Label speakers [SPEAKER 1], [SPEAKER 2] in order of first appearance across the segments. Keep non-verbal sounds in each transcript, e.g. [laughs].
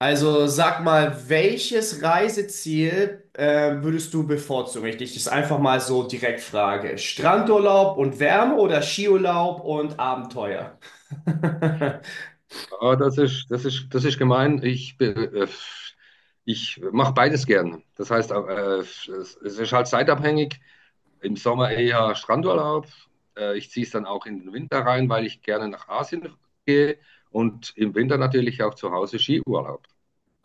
[SPEAKER 1] Also sag mal, welches Reiseziel würdest du bevorzugen? Ich dich das einfach mal so direkt frage. Strandurlaub und Wärme oder Skiurlaub und Abenteuer? [laughs]
[SPEAKER 2] Das ist, das ist, das ist gemein. Ich mache beides gern. Das heißt, es ist halt zeitabhängig. Im Sommer eher Strandurlaub. Ich ziehe es dann auch in den Winter rein, weil ich gerne nach Asien gehe. Und im Winter natürlich auch zu Hause Skiurlaub.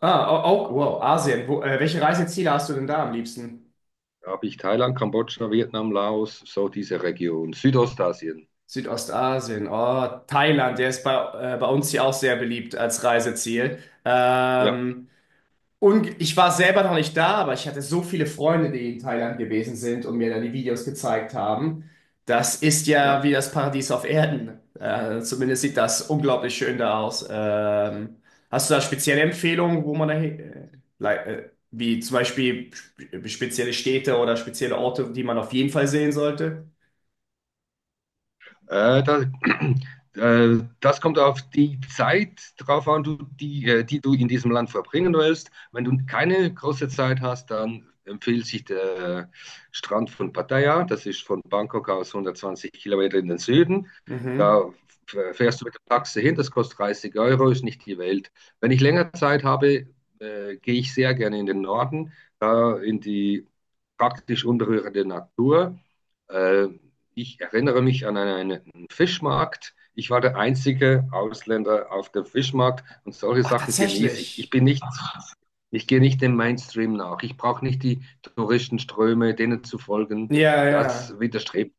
[SPEAKER 1] Ah, oh, oh, wow, Asien. Wo, welche Reiseziele hast du denn da am liebsten?
[SPEAKER 2] Da habe ich Thailand, Kambodscha, Vietnam, Laos, so diese Region, Südostasien.
[SPEAKER 1] Südostasien. Oh, Thailand, der ist bei uns hier auch sehr beliebt als Reiseziel.
[SPEAKER 2] Ja,
[SPEAKER 1] Und ich war selber noch nicht da, aber ich hatte so viele Freunde, die in Thailand gewesen sind und mir dann die Videos gezeigt haben. Das ist ja wie
[SPEAKER 2] ja.
[SPEAKER 1] das Paradies auf Erden. Zumindest sieht das unglaublich schön da aus. Hast du da spezielle Empfehlungen, wo man wie zum Beispiel spezielle Städte oder spezielle Orte, die man auf jeden Fall sehen sollte?
[SPEAKER 2] Äh, da, [clears throat] das kommt auf die Zeit drauf an, du, die, die du in diesem Land verbringen willst. Wenn du keine große Zeit hast, dann empfiehlt sich der Strand von Pattaya. Das ist von Bangkok aus 120 Kilometer in den Süden.
[SPEAKER 1] Mhm.
[SPEAKER 2] Da fährst du mit der Taxe hin, das kostet 30 Euro, ist nicht die Welt. Wenn ich länger Zeit habe, gehe ich sehr gerne in den Norden, in die praktisch unberührte Natur. Äh, Ich erinnere mich an einen Fischmarkt. Ich war der einzige Ausländer auf dem Fischmarkt und solche
[SPEAKER 1] Ach,
[SPEAKER 2] Sachen genieße ich. Ich
[SPEAKER 1] tatsächlich.
[SPEAKER 2] bin nicht, ich gehe nicht dem Mainstream nach. Ich brauche nicht die Touristenströme, denen zu folgen.
[SPEAKER 1] Ja,
[SPEAKER 2] Das
[SPEAKER 1] ja.
[SPEAKER 2] widerstrebt,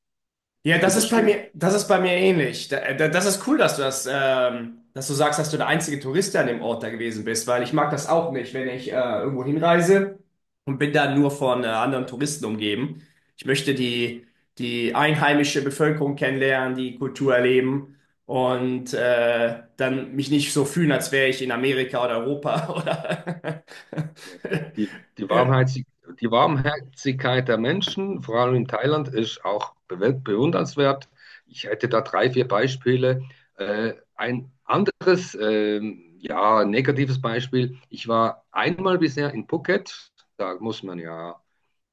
[SPEAKER 1] Ja,
[SPEAKER 2] das
[SPEAKER 1] das ist bei
[SPEAKER 2] widerstrebt
[SPEAKER 1] mir,
[SPEAKER 2] mir.
[SPEAKER 1] das ist bei mir ähnlich. Das ist cool, dass du dass du sagst, dass du der einzige Tourist an dem Ort da gewesen bist, weil ich mag das auch nicht, wenn ich
[SPEAKER 2] Ja,
[SPEAKER 1] irgendwo hinreise und bin dann nur von anderen
[SPEAKER 2] ja.
[SPEAKER 1] Touristen umgeben. Ich möchte die
[SPEAKER 2] Ja.
[SPEAKER 1] einheimische Bevölkerung kennenlernen, die Kultur erleben und dann mich nicht so fühlen, als wäre ich in Amerika oder Europa [laughs] oder. [laughs]
[SPEAKER 2] Die, die
[SPEAKER 1] Äh,
[SPEAKER 2] Warmherzig, Die Warmherzigkeit der Menschen, vor allem in Thailand, ist auch bewundernswert. Ich hätte da drei, vier Beispiele. Ein anderes, ja, negatives Beispiel. Ich war einmal bisher in Phuket. Da muss man ja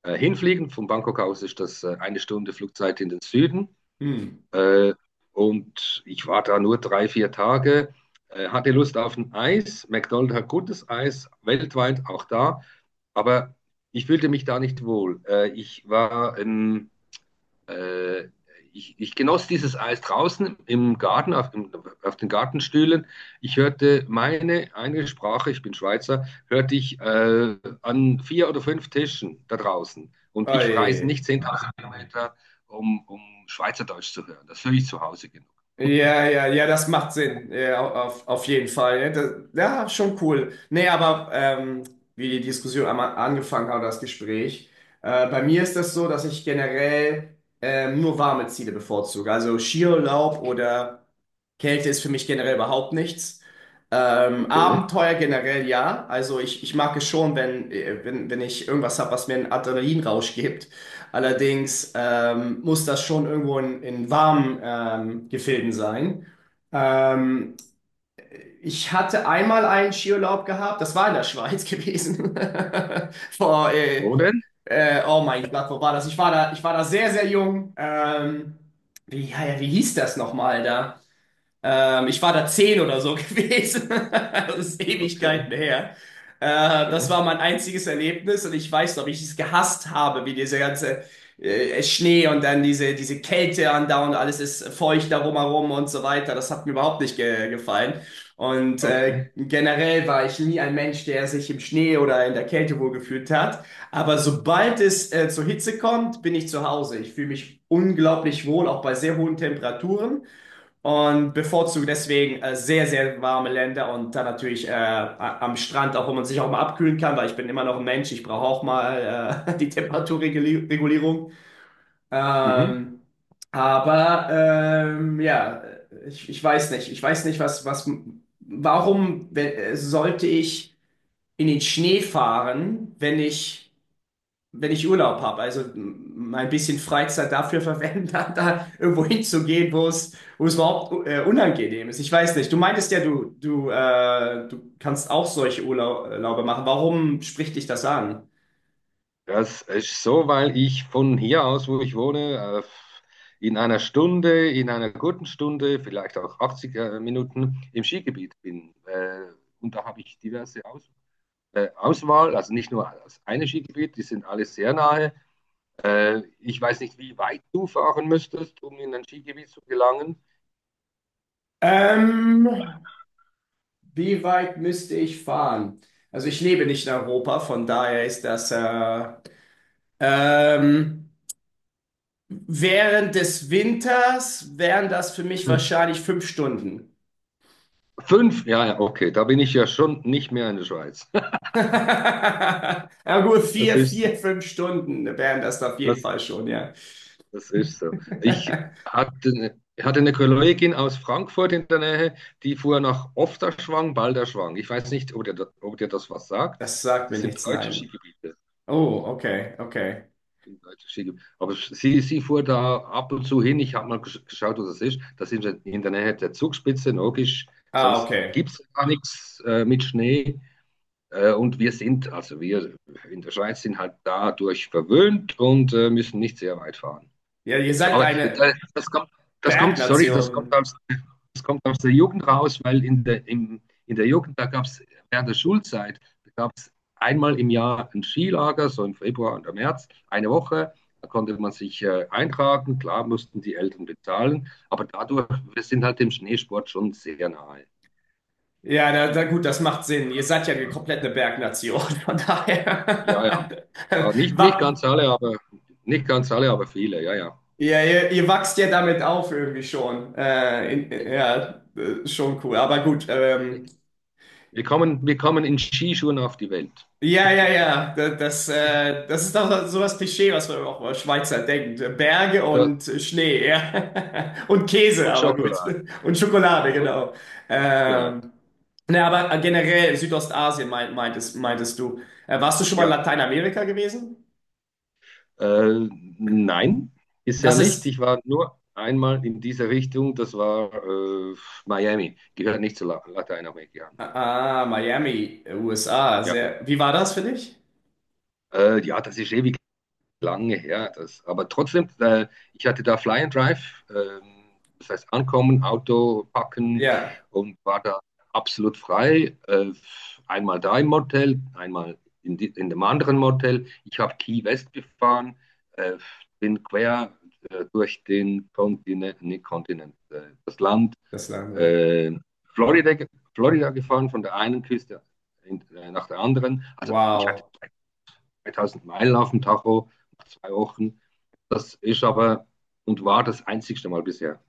[SPEAKER 2] hinfliegen. Von Bangkok aus ist das eine Stunde Flugzeit in den Süden.
[SPEAKER 1] Hm.
[SPEAKER 2] Äh, und ich war da nur drei, vier Tage. Hatte Lust auf ein Eis. McDonald's hat gutes Eis, weltweit auch da. Aber ich fühlte mich da nicht wohl. Ich war, äh, ich genoss dieses Eis draußen im Garten, auf den Gartenstühlen. Ich hörte meine eine Sprache, ich bin Schweizer, hörte ich an vier oder fünf Tischen da draußen. Und ich reise
[SPEAKER 1] Oi.
[SPEAKER 2] nicht 10.000 Kilometer, um Schweizerdeutsch zu hören. Das höre ich zu Hause genug.
[SPEAKER 1] Ja, ja, ja, das macht Sinn. Ja, auf jeden Fall. Ja, das, ja, schon cool. Nee, aber wie die Diskussion einmal angefangen hat, das Gespräch. Bei mir ist das so, dass ich generell nur warme Ziele bevorzuge. Also Skiurlaub oder Kälte ist für mich generell überhaupt nichts.
[SPEAKER 2] Okay.
[SPEAKER 1] Abenteuer generell ja. Also ich mag es schon, wenn ich irgendwas habe, was mir einen Adrenalinrausch gibt. Allerdings muss das schon irgendwo in warmen Gefilden sein. Ähm, Ich hatte einmal einen Skiurlaub gehabt, das war in der Schweiz gewesen. [laughs] Vor, äh,
[SPEAKER 2] Wo denn?
[SPEAKER 1] oh mein Gott, wo war das? Ich war da sehr, sehr jung. Wie, ja, ja, wie hieß das nochmal da? Ich war da zehn oder so [laughs] gewesen. Das ist
[SPEAKER 2] Okay,
[SPEAKER 1] Ewigkeiten her. Das
[SPEAKER 2] okay,
[SPEAKER 1] war mein einziges Erlebnis und ich weiß noch, wie ich es gehasst habe, wie dieser ganze Schnee und dann diese Kälte andauernd, alles ist feucht darum herum und so weiter. Das hat mir überhaupt nicht ge gefallen. Und
[SPEAKER 2] okay.
[SPEAKER 1] generell war ich nie ein Mensch, der sich im Schnee oder in der Kälte wohlgefühlt hat. Aber sobald es zur Hitze kommt, bin ich zu Hause. Ich fühle mich unglaublich wohl, auch bei sehr hohen Temperaturen und bevorzuge deswegen sehr, sehr warme Länder und dann natürlich am Strand, auch wo man sich auch mal abkühlen kann, weil ich bin immer noch ein Mensch, ich brauche auch mal [laughs] die Temperaturregulierung.
[SPEAKER 2] Mhm.
[SPEAKER 1] Ähm, ja, ich, ich weiß nicht, was, was, sollte ich in den Schnee fahren, wenn ich wenn ich Urlaub habe, mein bisschen Freizeit dafür verwenden, [laughs] da, da irgendwo hinzugehen, wo es überhaupt unangenehm ist. Ich weiß nicht. Du meintest ja, du kannst auch solche Urlaube machen. Warum spricht dich das an?
[SPEAKER 2] Das ist so, weil ich von hier aus, wo ich wohne, in einer Stunde, in einer guten Stunde, vielleicht auch 80 Minuten im Skigebiet bin. Und da habe ich diverse Aus Auswahl, also nicht nur das eine Skigebiet, die sind alle sehr nahe. Ich weiß nicht, wie weit du fahren müsstest, um in ein Skigebiet zu gelangen.
[SPEAKER 1] Ähm, Wie weit müsste ich fahren? Also ich lebe nicht in Europa, von daher ist das ähm, während des Winters wären das für mich wahrscheinlich 5 Stunden.
[SPEAKER 2] Fünf, ja, ja, okay, da bin ich ja schon nicht mehr in der Schweiz. [laughs]
[SPEAKER 1] [laughs] Ja gut,
[SPEAKER 2] Das ist sie.
[SPEAKER 1] 5 Stunden wären das auf jeden
[SPEAKER 2] Das
[SPEAKER 1] Fall schon, ja.
[SPEAKER 2] Das ist so. Ich
[SPEAKER 1] [laughs]
[SPEAKER 2] hatte, ne, ich hatte eine Kollegin aus Frankfurt in der Nähe, die fuhr nach Ofterschwang, Balderschwang. Ich weiß nicht, ob dir das was sagt.
[SPEAKER 1] Das sagt mir
[SPEAKER 2] Das sind
[SPEAKER 1] nichts,
[SPEAKER 2] deutsche
[SPEAKER 1] nein.
[SPEAKER 2] Skigebiete.
[SPEAKER 1] Oh, okay, okay.
[SPEAKER 2] Sind deutsche Skigebiete. Aber sie fuhr da ab und zu hin. Ich habe mal geschaut, wo das ist. Das sind wir in der Nähe der Zugspitze, logisch.
[SPEAKER 1] Ah,
[SPEAKER 2] Sonst
[SPEAKER 1] okay.
[SPEAKER 2] gibt es gar nichts mit Schnee. Wir in der Schweiz sind halt dadurch verwöhnt und müssen nicht sehr weit fahren.
[SPEAKER 1] Ja, ihr seid
[SPEAKER 2] Aber
[SPEAKER 1] eine
[SPEAKER 2] das kommt, sorry,
[SPEAKER 1] Bergnation.
[SPEAKER 2] das kommt aus der Jugend raus, weil in der Jugend, da gab es während der Schulzeit, da gab es einmal im Jahr ein Skilager, so im Februar und im März, eine Woche. Da konnte man sich eintragen, klar mussten die Eltern bezahlen, aber dadurch, wir sind halt dem Schneesport schon sehr nahe.
[SPEAKER 1] Ja, na, na gut, das macht Sinn. Ihr seid ja eine komplette Bergnation, [laughs] von
[SPEAKER 2] Ja, ja,
[SPEAKER 1] daher. [laughs]
[SPEAKER 2] ja,
[SPEAKER 1] Wa-
[SPEAKER 2] nicht ganz alle, aber viele, ja, ja.
[SPEAKER 1] Ja, ihr wachst ja damit auf irgendwie schon.
[SPEAKER 2] Genau.
[SPEAKER 1] Schon cool. Aber gut,
[SPEAKER 2] Wir kommen in Skischuhen auf die Welt.
[SPEAKER 1] ja, ja, ja. Das, das ist doch so das Klischee, was man auch über Schweizer denkt. Berge
[SPEAKER 2] Da,
[SPEAKER 1] und Schnee, ja. [laughs] Und Käse,
[SPEAKER 2] und
[SPEAKER 1] aber gut.
[SPEAKER 2] Schokolade.
[SPEAKER 1] Und Schokolade,
[SPEAKER 2] Und,
[SPEAKER 1] genau.
[SPEAKER 2] genau.
[SPEAKER 1] Ähm, ne, aber generell Südostasien meintest du. Warst du schon mal in
[SPEAKER 2] Ja,
[SPEAKER 1] Lateinamerika gewesen?
[SPEAKER 2] äh, nein, bisher
[SPEAKER 1] Das
[SPEAKER 2] nicht.
[SPEAKER 1] ist,
[SPEAKER 2] Ich war nur einmal in dieser Richtung, das war Miami, gehört nicht zu Lateinamerika.
[SPEAKER 1] ah, Miami, USA.
[SPEAKER 2] Ja,
[SPEAKER 1] Sehr, wie war das für dich?
[SPEAKER 2] ja, das ist ewig lange her. Das, aber trotzdem, ich hatte da Fly and Drive, das heißt ankommen, Auto packen
[SPEAKER 1] Ja,
[SPEAKER 2] und war da absolut frei. Einmal da im Motel, in dem anderen Motel. Ich habe Key West gefahren, äh, bin quer durch den Kontinent, nicht Kontinent, das Land
[SPEAKER 1] das Land, ja.
[SPEAKER 2] äh, Florida, Florida gefahren, von der einen Küste nach der anderen. Also ich hatte
[SPEAKER 1] Wow.
[SPEAKER 2] 3000 Meilen auf dem Tacho nach zwei Wochen. Das ist aber und war das einzigste Mal bisher.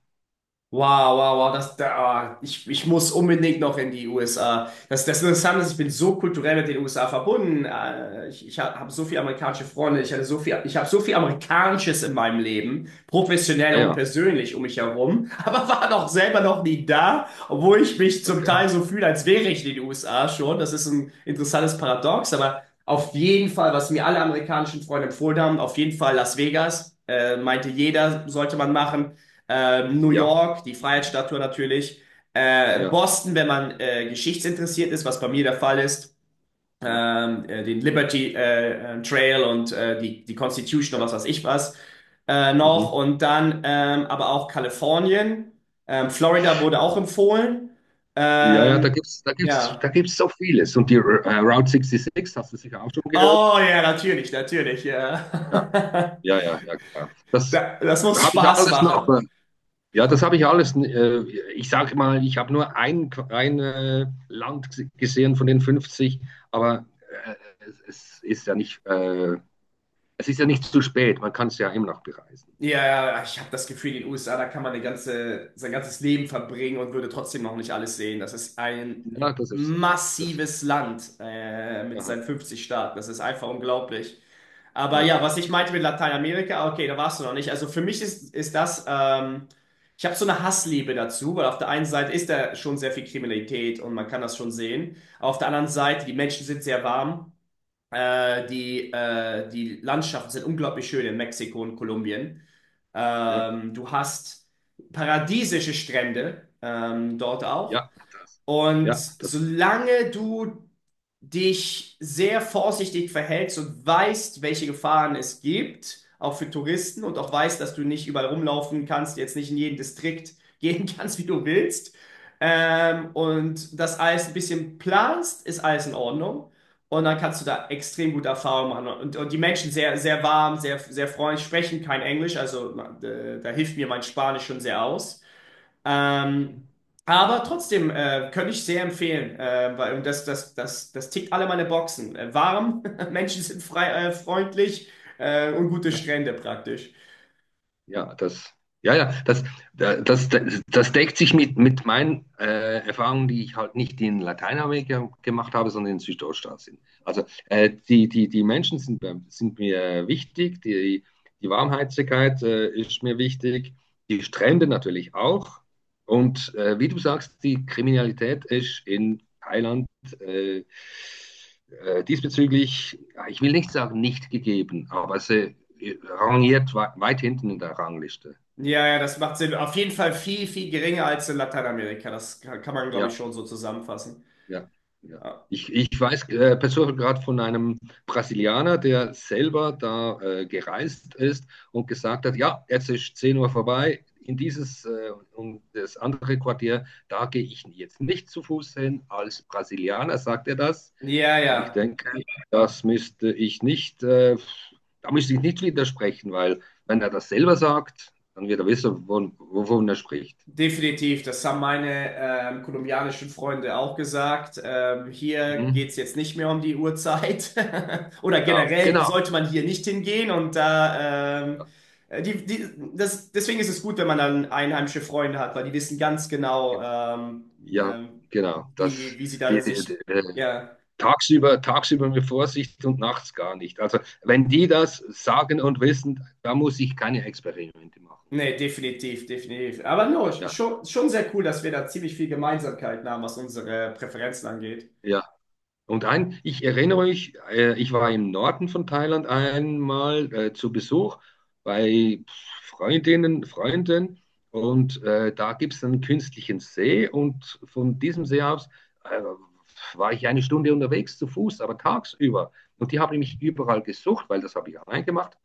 [SPEAKER 1] Wow, wow, wow, das, da, ah, ich muss unbedingt noch in die USA. Das, das Interessante ist, ich bin so kulturell mit den USA verbunden. Ich, ich habe so viele amerikanische Freunde, ich hatte so viel, ich habe so viel Amerikanisches in meinem Leben, professionell
[SPEAKER 2] Ah
[SPEAKER 1] und
[SPEAKER 2] ja,
[SPEAKER 1] persönlich um mich herum, [laughs] aber war doch selber noch nie da, obwohl ich mich zum
[SPEAKER 2] okay.
[SPEAKER 1] Teil so fühle, als wäre ich in den USA schon. Das ist ein interessantes Paradox, aber auf jeden Fall, was mir alle amerikanischen Freunde empfohlen haben, auf jeden Fall Las Vegas, meinte jeder, sollte man machen, New
[SPEAKER 2] Ja,
[SPEAKER 1] York, die
[SPEAKER 2] ja,
[SPEAKER 1] Freiheitsstatue natürlich,
[SPEAKER 2] ja,
[SPEAKER 1] Boston, wenn man geschichtsinteressiert ist, was bei mir der Fall ist,
[SPEAKER 2] ja.
[SPEAKER 1] den Liberty Trail und die Constitution und
[SPEAKER 2] Ja.
[SPEAKER 1] was weiß ich was noch
[SPEAKER 2] Mhm.
[SPEAKER 1] und dann aber auch Kalifornien. Florida wurde auch empfohlen.
[SPEAKER 2] Ja, ja,
[SPEAKER 1] Ähm, ja.
[SPEAKER 2] da gibt's so vieles. Und die Route 66, hast du sicher auch schon gehört?
[SPEAKER 1] Oh ja, natürlich, natürlich,
[SPEAKER 2] Ja,
[SPEAKER 1] ja.
[SPEAKER 2] ja, ja, ja, klar.
[SPEAKER 1] [laughs]
[SPEAKER 2] Das
[SPEAKER 1] Das muss
[SPEAKER 2] habe ich
[SPEAKER 1] Spaß
[SPEAKER 2] alles noch.
[SPEAKER 1] machen.
[SPEAKER 2] Ja, das habe ich alles. Ich sage mal, ich habe ein Land gesehen von den 50, aber äh, es ist ja nicht es ist ja nicht zu spät, man kann es ja immer noch bereisen.
[SPEAKER 1] Ja, ja, ich habe das Gefühl, in den USA, da kann man eine ganze, sein ganzes Leben verbringen und würde trotzdem noch nicht alles sehen. Das ist ein
[SPEAKER 2] Ja, das ist so. Das ist.
[SPEAKER 1] massives Land mit
[SPEAKER 2] Aha.
[SPEAKER 1] seinen 50 Staaten. Das ist einfach unglaublich. Aber ja,
[SPEAKER 2] Ja,
[SPEAKER 1] was ich meinte mit Lateinamerika, okay, da warst du noch nicht. Also für mich ist, ist das, ich habe so eine Hassliebe dazu, weil auf der einen Seite ist da schon sehr viel Kriminalität und man kann das schon sehen. Auf der anderen Seite, die Menschen sind sehr warm. Die Landschaften sind unglaublich schön in Mexiko und Kolumbien.
[SPEAKER 2] ja,
[SPEAKER 1] Du hast paradiesische Strände dort auch.
[SPEAKER 2] ja, das.
[SPEAKER 1] Und
[SPEAKER 2] Ja, das.
[SPEAKER 1] solange du dich sehr vorsichtig verhältst und weißt, welche Gefahren es gibt, auch für Touristen und auch weißt, dass du nicht überall rumlaufen kannst, jetzt nicht in jeden Distrikt gehen [laughs] kannst, wie du willst, und das alles ein bisschen planst, ist alles in Ordnung. Und dann kannst du da extrem gute Erfahrungen machen. Und die Menschen sehr, sehr warm, sehr, sehr freundlich, sprechen kein Englisch, also da hilft mir mein Spanisch schon sehr aus.
[SPEAKER 2] Mhm.
[SPEAKER 1] Ähm, aber trotzdem könnte ich sehr empfehlen, weil und das, das, das, das tickt alle meine Boxen. Warm, [laughs] Menschen sind frei, freundlich und gute
[SPEAKER 2] Ja.
[SPEAKER 1] Strände praktisch.
[SPEAKER 2] Ja, das, ja, ja, das, da- das, das, das deckt sich mit meinen Erfahrungen, die ich halt nicht in Lateinamerika gemacht habe, sondern in Südostasien. Also die Menschen sind, sind mir wichtig, die, die Warmherzigkeit ist mir wichtig, die Strände natürlich auch. Und wie du sagst, die Kriminalität ist in Thailand äh, diesbezüglich, ja, ich will nicht sagen nicht gegeben, aber sie rangiert weit hinten in der Rangliste.
[SPEAKER 1] Ja, ja, das macht Sinn. Auf jeden Fall viel, viel geringer als in Lateinamerika. Das kann kann man, glaube ich,
[SPEAKER 2] Ja,
[SPEAKER 1] schon so zusammenfassen.
[SPEAKER 2] ja, ja.
[SPEAKER 1] Ja,
[SPEAKER 2] Ich weiß persönlich gerade von einem Brasilianer, der selber da gereist ist und gesagt hat, ja, jetzt ist 10 Uhr vorbei, in dieses und das andere Quartier, da gehe ich jetzt nicht zu Fuß hin. Als Brasilianer sagt er das.
[SPEAKER 1] ja,
[SPEAKER 2] Und ich
[SPEAKER 1] ja.
[SPEAKER 2] denke, das müsste ich nicht, da müsste ich nicht widersprechen, weil wenn er das selber sagt, dann wird er wissen, wovon er spricht.
[SPEAKER 1] Definitiv, das haben meine kolumbianischen Freunde auch gesagt. Hier
[SPEAKER 2] Mhm.
[SPEAKER 1] geht's jetzt nicht mehr um die Uhrzeit. [laughs] Oder
[SPEAKER 2] Genau,
[SPEAKER 1] generell
[SPEAKER 2] genau.
[SPEAKER 1] sollte man hier nicht hingehen und
[SPEAKER 2] Ja,
[SPEAKER 1] äh, die, die, das, deswegen ist es gut, wenn man dann einheimische Freunde hat, weil die wissen ganz
[SPEAKER 2] ge-
[SPEAKER 1] genau,
[SPEAKER 2] ja
[SPEAKER 1] ähm,
[SPEAKER 2] genau. Das,
[SPEAKER 1] wie, wie sie da
[SPEAKER 2] die, die, die,
[SPEAKER 1] sich.
[SPEAKER 2] äh,
[SPEAKER 1] Ja,
[SPEAKER 2] tagsüber, tagsüber mit Vorsicht und nachts gar nicht. Also, wenn die das sagen und wissen, da muss ich keine Experimente machen.
[SPEAKER 1] nee, definitiv, definitiv. Aber no,
[SPEAKER 2] Ja,
[SPEAKER 1] schon, schon sehr cool, dass wir da ziemlich viel Gemeinsamkeiten haben, was unsere Präferenzen angeht.
[SPEAKER 2] ja. Und ein, ich erinnere mich, ich war im Norden von Thailand einmal zu Besuch bei Freundinnen, Freunden und da gibt es einen künstlichen See und von diesem See aus äh, war ich eine Stunde unterwegs zu Fuß, aber tagsüber. Und die habe ich mich überall gesucht, weil das habe ich allein gemacht.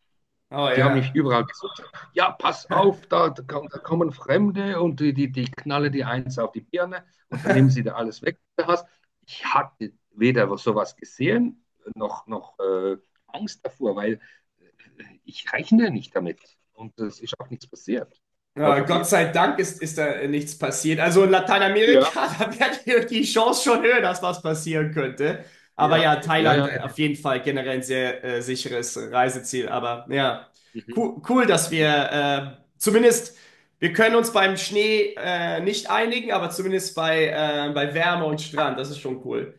[SPEAKER 1] Oh
[SPEAKER 2] Die haben nicht
[SPEAKER 1] ja.
[SPEAKER 2] überall gesucht. Ja, pass
[SPEAKER 1] [laughs]
[SPEAKER 2] auf, da, da kommen Fremde und die knallen dir eins auf die Birne und dann nehmen sie da alles weg, was du hast. Ich hatte weder sowas gesehen, noch Angst davor, weil äh, ich rechne nicht damit. Und es ist auch nichts passiert,
[SPEAKER 1] Gott
[SPEAKER 2] notabene.
[SPEAKER 1] sei Dank ist, ist da nichts passiert. Also in
[SPEAKER 2] Ja,
[SPEAKER 1] Lateinamerika, [laughs] da wäre die Chance schon höher, dass was passieren könnte. Aber
[SPEAKER 2] ja,
[SPEAKER 1] ja,
[SPEAKER 2] ja,
[SPEAKER 1] Thailand
[SPEAKER 2] ja.
[SPEAKER 1] auf
[SPEAKER 2] Ja.
[SPEAKER 1] jeden Fall generell ein sehr sicheres Reiseziel. Aber ja,
[SPEAKER 2] Mhm.
[SPEAKER 1] cool, cool, dass
[SPEAKER 2] Mhm.
[SPEAKER 1] wir zumindest, wir können uns beim Schnee nicht einigen, aber zumindest bei Wärme und Strand, das ist schon cool.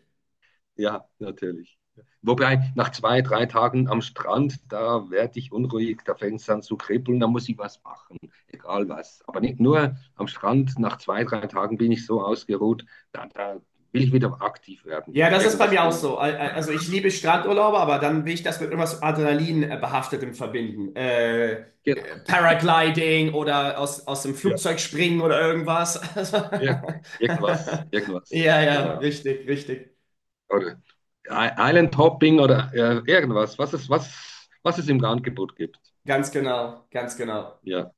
[SPEAKER 2] Ja, natürlich. Wobei, nach zwei, drei Tagen am Strand, da werde ich unruhig, da fängt es an zu kribbeln, da muss ich was machen, egal was. Aber nicht nur am Strand, nach zwei, drei Tagen bin ich so ausgeruht, da, da will ich wieder aktiv werden,
[SPEAKER 1] Ja, das ist bei
[SPEAKER 2] irgendwas
[SPEAKER 1] mir auch
[SPEAKER 2] tun.
[SPEAKER 1] so. Also ich liebe Strandurlaube, aber dann will ich das mit irgendwas Adrenalin behaftetem verbinden.
[SPEAKER 2] Genau.
[SPEAKER 1] Paragliding oder aus dem
[SPEAKER 2] Ja.
[SPEAKER 1] Flugzeug springen oder irgendwas. [laughs] Also,
[SPEAKER 2] Ir
[SPEAKER 1] [laughs]
[SPEAKER 2] irgendwas,
[SPEAKER 1] ja, ja,
[SPEAKER 2] genau.
[SPEAKER 1] richtig, richtig.
[SPEAKER 2] Oder Island Hopping oder irgendwas, was es im Angebot gibt.
[SPEAKER 1] Ganz genau, ganz genau.
[SPEAKER 2] Ja.